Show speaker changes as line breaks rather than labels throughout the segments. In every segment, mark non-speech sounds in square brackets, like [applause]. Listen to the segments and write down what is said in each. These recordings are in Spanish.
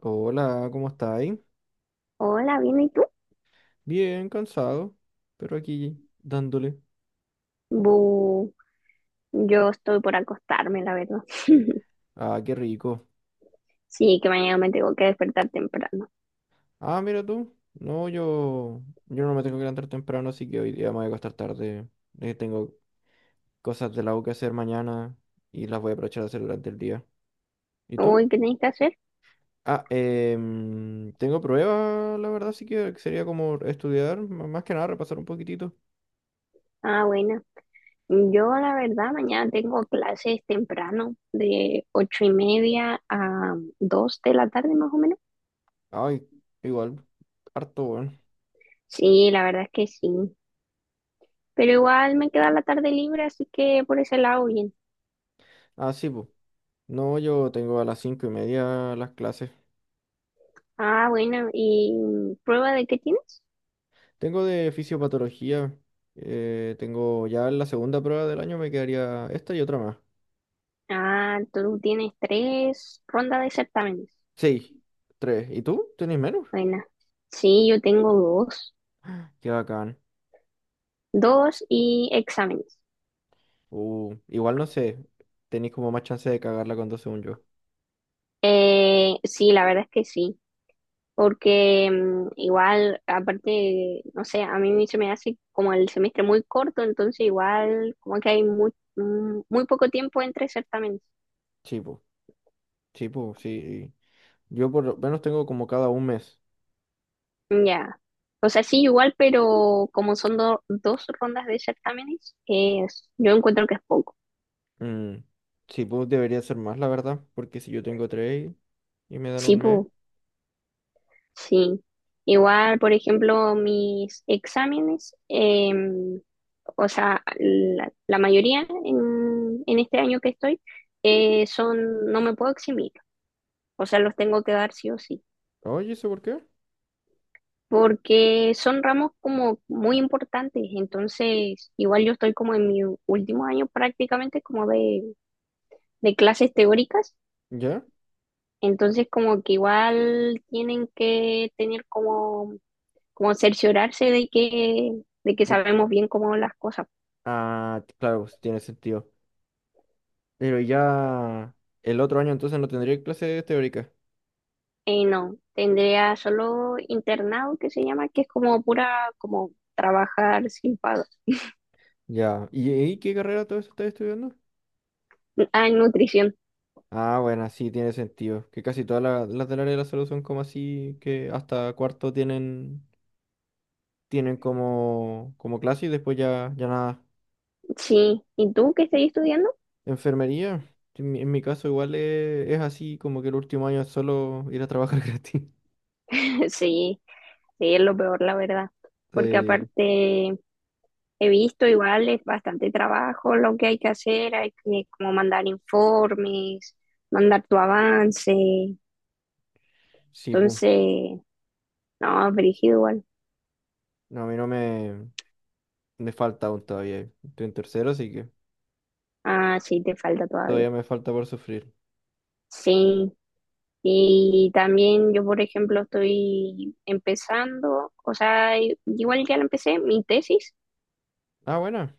Hola, ¿cómo estáis?
Hola, ¿bien y tú?
Bien, cansado, pero aquí dándole.
Bu, yo estoy por acostarme, la verdad. [laughs]
Ah, qué rico.
Sí, que mañana me tengo que despertar temprano.
Ah, mira tú. No, yo no me tengo que levantar temprano, así que hoy día me voy a acostar tarde. Tengo cosas de la U que hacer mañana y las voy a aprovechar a hacer durante el día. ¿Y
Uy,
tú?
¿qué tenéis que hacer?
Ah, tengo pruebas, la verdad, así que sería como estudiar, más que nada repasar un poquitito.
Ah, bueno. Yo, la verdad, mañana tengo clases temprano, de 8:30 a 2 de la tarde, más o menos.
Ay, igual, harto, bueno.
Sí, la verdad es que sí. Pero igual me queda la tarde libre, así que por ese lado, bien.
Ah, sí, pues. No, yo tengo a las 5:30 las clases.
Ah, bueno, ¿y prueba de qué tienes?
Tengo de fisiopatología. Tengo ya la segunda prueba del año, me quedaría esta y otra más.
Ah, tú tienes tres rondas de certámenes.
Sí, tres. ¿Y tú? ¿Tenés menos?
Buena. Sí, yo tengo dos.
Qué bacán.
Dos y exámenes.
Igual no sé. Tenéis como más chance de cagarla cuando dos según yo.
Sí, la verdad es que sí. Porque igual, aparte, no sé, a mí se me hace como el semestre muy corto, entonces igual como que hay muy poco tiempo entre certámenes.
Sí, po. Sí, po, sí. Yo por lo menos tengo como cada un mes.
Mm, ya. O sea, sí, igual, pero como son dos rondas de certámenes, es, yo encuentro que es poco.
Mm, sí, pues debería ser más, la verdad. Porque si yo tengo tres y me dan
Sí,
un mes.
pues. Sí, igual, por ejemplo, mis exámenes, o sea, la mayoría en este año que estoy, son, no me puedo eximir, o sea, los tengo que dar sí o sí,
Oye, ¿eso por qué?
porque son ramos como muy importantes, entonces, igual yo estoy como en mi último año prácticamente como de clases teóricas,
¿Ya?
entonces como que igual tienen que tener como cerciorarse de que
De-
sabemos bien cómo las cosas.
Ah, claro, pues, tiene sentido. Pero ya el otro año entonces no tendría clases teóricas.
No, tendría solo internado que se llama, que es como pura, como trabajar sin pago.
Ya. ¿Y qué carrera todo eso estás estudiando?
Ah, en nutrición,
Ah, bueno, sí, tiene sentido. Que casi todas las del área de la salud son como así, que hasta cuarto tienen, tienen como, como clase y después ya, ya nada.
sí. ¿Y tú qué estás estudiando?
Enfermería, en mi caso igual es así, como que el último año es solo ir a trabajar [laughs] gratis.
[laughs] Sí, sí, es lo peor, la verdad, porque
Sí,
aparte he visto igual es bastante trabajo lo que hay que hacer, hay que como mandar informes, mandar tu avance,
sí, pues.
entonces, no, brígido igual.
No, a mí no me falta aún todavía. Estoy en tercero, así que
Ah, sí, te falta todavía.
todavía me falta por sufrir.
Sí, y también yo, por ejemplo, estoy empezando, o sea, igual ya la empecé, mi tesis,
Ah, bueno.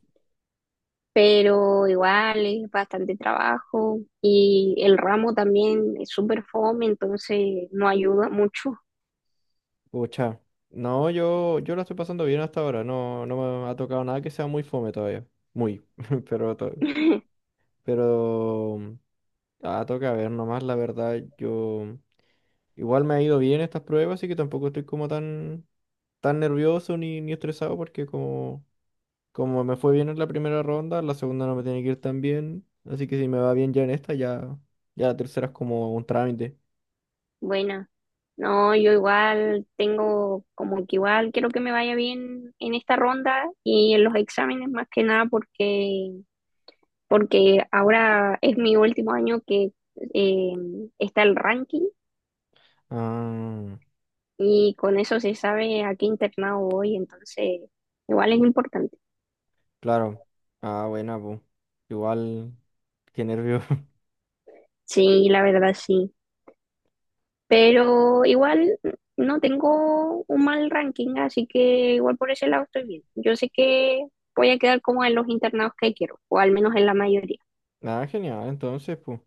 pero igual es bastante trabajo y el ramo también es súper fome, entonces no ayuda mucho.
Pucha. No, yo la estoy pasando bien hasta ahora. No, no me ha tocado nada que sea muy fome todavía. Muy. [laughs] Pero, to-
[laughs]
pero ah, toca ver nomás, la verdad. Yo igual me ha ido bien estas pruebas, así que tampoco estoy como tan nervioso ni estresado porque como me fue bien en la primera ronda, la segunda no me tiene que ir tan bien. Así que si me va bien ya en esta, ya, ya la tercera es como un trámite.
Bueno, no, yo igual tengo como que igual quiero que me vaya bien en esta ronda y en los exámenes más que nada porque ahora es mi último año que eh, está el ranking
Ah,
y con eso se sabe a qué internado voy, entonces igual es importante.
claro. Ah, buena, pues. Igual, qué nervio.
Sí, la verdad sí. Pero igual no tengo un mal ranking, así que igual por ese lado estoy bien. Yo sé que voy a quedar como en los internados que quiero, o al menos en la mayoría.
Ah, genial, entonces, pues.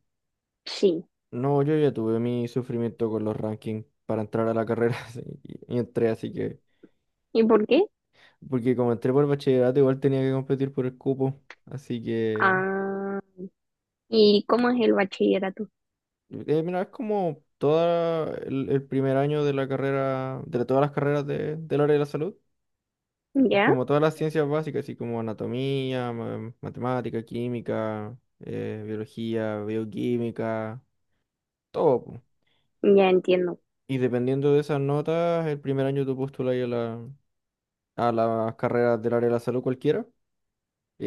Sí.
No, yo ya tuve mi sufrimiento con los rankings para entrar a la carrera [laughs] así, y entré, así que.
¿Y por qué?
Porque como entré por bachillerato, igual tenía que competir por el cupo. Así que.
Ah, ¿y cómo es el bachillerato?
Mira, es como todo el primer año de la carrera, de todas las carreras del área de la salud.
¿Ya?
Como todas las ciencias básicas, así como anatomía, matemática, química, biología, bioquímica, todo, po.
Ya entiendo.
Y dependiendo de esas notas, el primer año tú postulas a a las carreras del área de la salud cualquiera.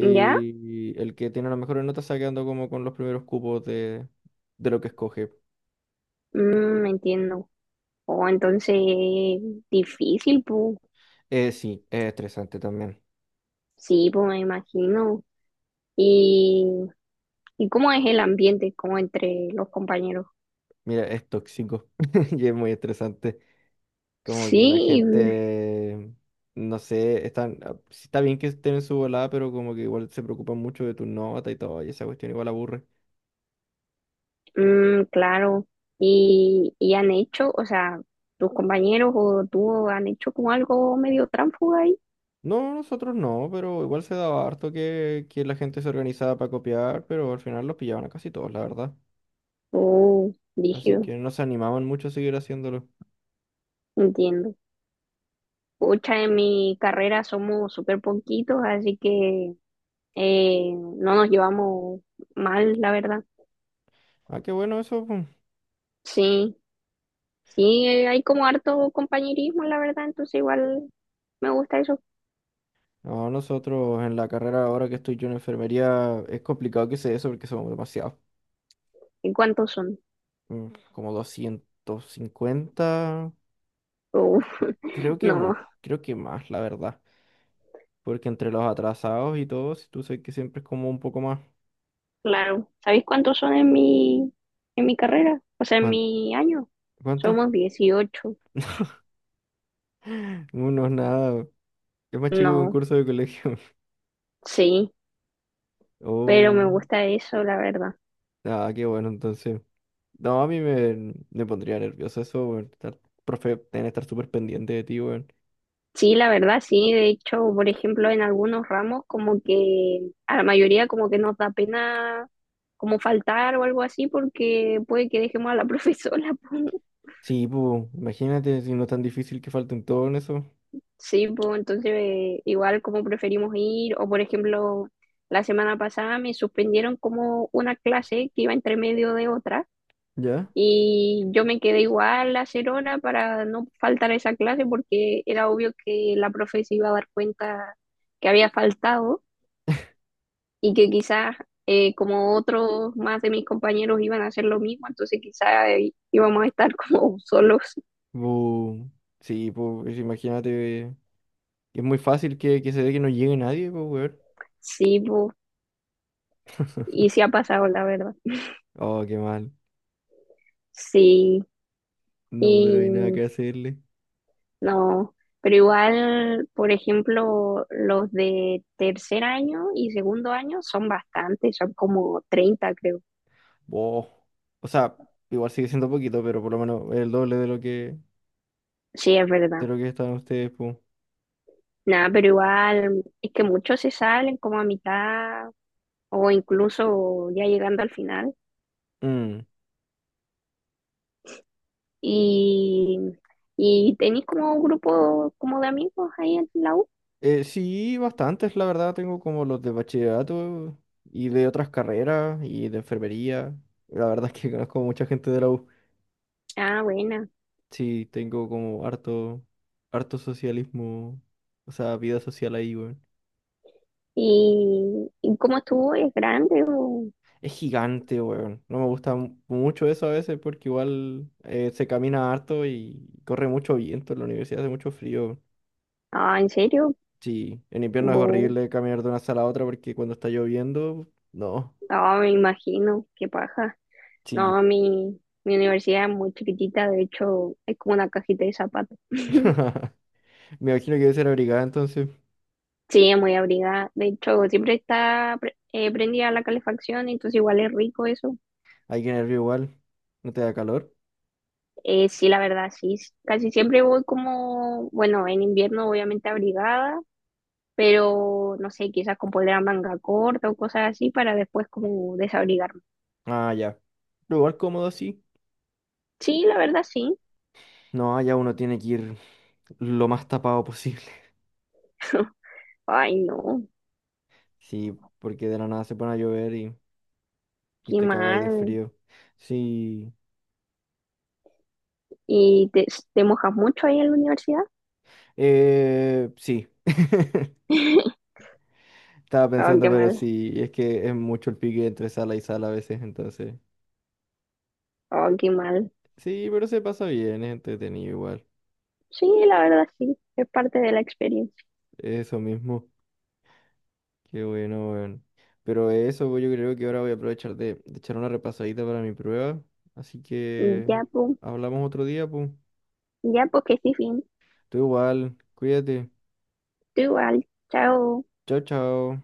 ¿Ya?
el que tiene las mejores notas está quedando como con los primeros cupos de lo que escoge.
Entiendo. Oh, entonces, difícil, pues.
Sí, es estresante también.
Sí, pues me imagino. ¿Y, y cómo es el ambiente, como entre los compañeros?
Mira, es tóxico [laughs] y es muy estresante. Como que la
Sí,
gente, no sé, están, ah, sí está bien que estén en su volada, pero como que igual se preocupan mucho de tu nota y todo, y esa cuestión igual aburre.
claro. Y han hecho, o sea, tus compañeros o tú han hecho como algo medio tránfuga ahí?
No, nosotros no, pero igual se daba harto que la gente se organizaba para copiar, pero al final los pillaban a casi todos, la verdad.
Oh,
Así
rígido,
que no se animaban mucho a seguir haciéndolo.
entiendo. Pucha, en mi carrera somos súper poquitos, así que no nos llevamos mal, la verdad.
Ah, qué bueno eso, pues.
Sí. Sí, hay como harto compañerismo, la verdad, entonces igual me gusta eso.
No, nosotros en la carrera ahora que estoy yo en enfermería es complicado que sea eso porque somos demasiados.
¿Y cuántos son?
mm, Como 250,
Uf,
creo
[laughs]
que
no,
mu- creo que más, la verdad. Porque entre los atrasados y todos, tú sabes que siempre es como un poco más.
claro. ¿Sabéis cuántos son en mi carrera? O sea, en
¿Cuán-
mi año.
¿Cuánto?
Somos 18.
[gasps] [laughs] Unos nada. Es más chico que un
No,
curso de colegio. [laughs]
sí, pero me
Oh,
gusta eso, la verdad.
nada, qué bueno entonces. No, a mí me pondría nervioso eso, weón. Estar, profe, tener que estar súper pendiente de ti, weón.
Sí, la verdad, sí. De hecho, por ejemplo, en algunos ramos como que a la mayoría como que nos da pena como faltar o algo así porque puede que dejemos a la [laughs] profesora.
Sí, pues, imagínate si no es tan difícil que falten todo en eso.
Sí, pues entonces igual como preferimos ir, o por ejemplo, la semana pasada me suspendieron como una clase que iba entre medio de otra
¿Ya?
y yo me quedé igual a hacer hora para no faltar a esa clase porque era obvio que la profe se iba a dar cuenta que había faltado y que quizás como otros más de mis compañeros iban a hacer lo mismo, entonces quizás íbamos a estar [laughs] como solos.
Bu, sí, pues, imagínate. Es muy fácil que se dé que no llegue nadie, pues, weón.
Sí, pues, y sí
[laughs]
ha pasado, la verdad.
Oh, qué mal.
Sí.
No, pero
Y
hay nada que hacerle.
No, pero igual, por ejemplo, los de tercer año y segundo año son bastantes, son como 30 creo.
Oh. O sea, igual sigue siendo poquito, pero por lo menos el doble
Sí, es
de
verdad.
lo que están ustedes, pues.
Nada, pero igual, es que muchos se salen como a mitad o incluso ya llegando al final. Y, y tenéis como un grupo como de amigos ahí en la U.
Sí, bastantes, la verdad, tengo como los de bachillerato y de otras carreras y de enfermería. La verdad es que [laughs] conozco mucha gente de la U.
Ah, buena.
Sí, tengo como harto, harto socialismo, o sea, vida social ahí, weón.
Y cómo estuvo? ¿Es grande?
Es gigante, weón. No me gusta mucho eso a veces porque igual se camina harto y corre mucho viento en la universidad, hace mucho frío.
Ah, ¿en serio?
Sí, en invierno es
Bu.
horrible caminar de una sala a otra porque cuando está lloviendo, no.
Ah, me imagino, qué paja.
Sí.
No, mi universidad es muy chiquitita, de hecho es como una cajita de zapatos. [laughs]
[laughs] Me imagino que debe ser abrigada entonces.
Sí, es muy abrigada. De hecho, siempre está prendida la calefacción, entonces igual es rico eso.
Aquí en el río igual. ¿No te da calor?
Sí, la verdad, sí. Casi siempre voy como, bueno, en invierno obviamente abrigada, pero no sé, quizás con polera manga corta o cosas así para después como desabrigarme.
Ah, ya. Pero igual cómodo así.
Sí, la verdad, sí.
No, ya uno tiene que ir lo más tapado posible. [laughs]
[laughs] Ay, no,
Sí, porque de la nada se pone a llover y
qué
te cagáis de
mal.
frío. Sí.
¿Y te mojas mucho ahí en la universidad?
Sí. [laughs]
[laughs]
Estaba
Oh,
pensando,
qué
pero
mal.
sí, es que es mucho el pique entre sala y sala a veces, entonces.
Oh, qué mal.
Sí, pero se pasa bien, es entretenido igual.
Sí, la verdad, sí. Es parte de la experiencia.
Eso mismo. Qué bueno, weón. Pero eso, pues, yo creo que ahora voy a aprovechar de echar una repasadita para mi prueba. Así que
Ya, pues.
hablamos otro día, pues.
Ya, pues que sí, fin.
Tú igual, cuídate.
Tú igual. Chao.
Chao, chao.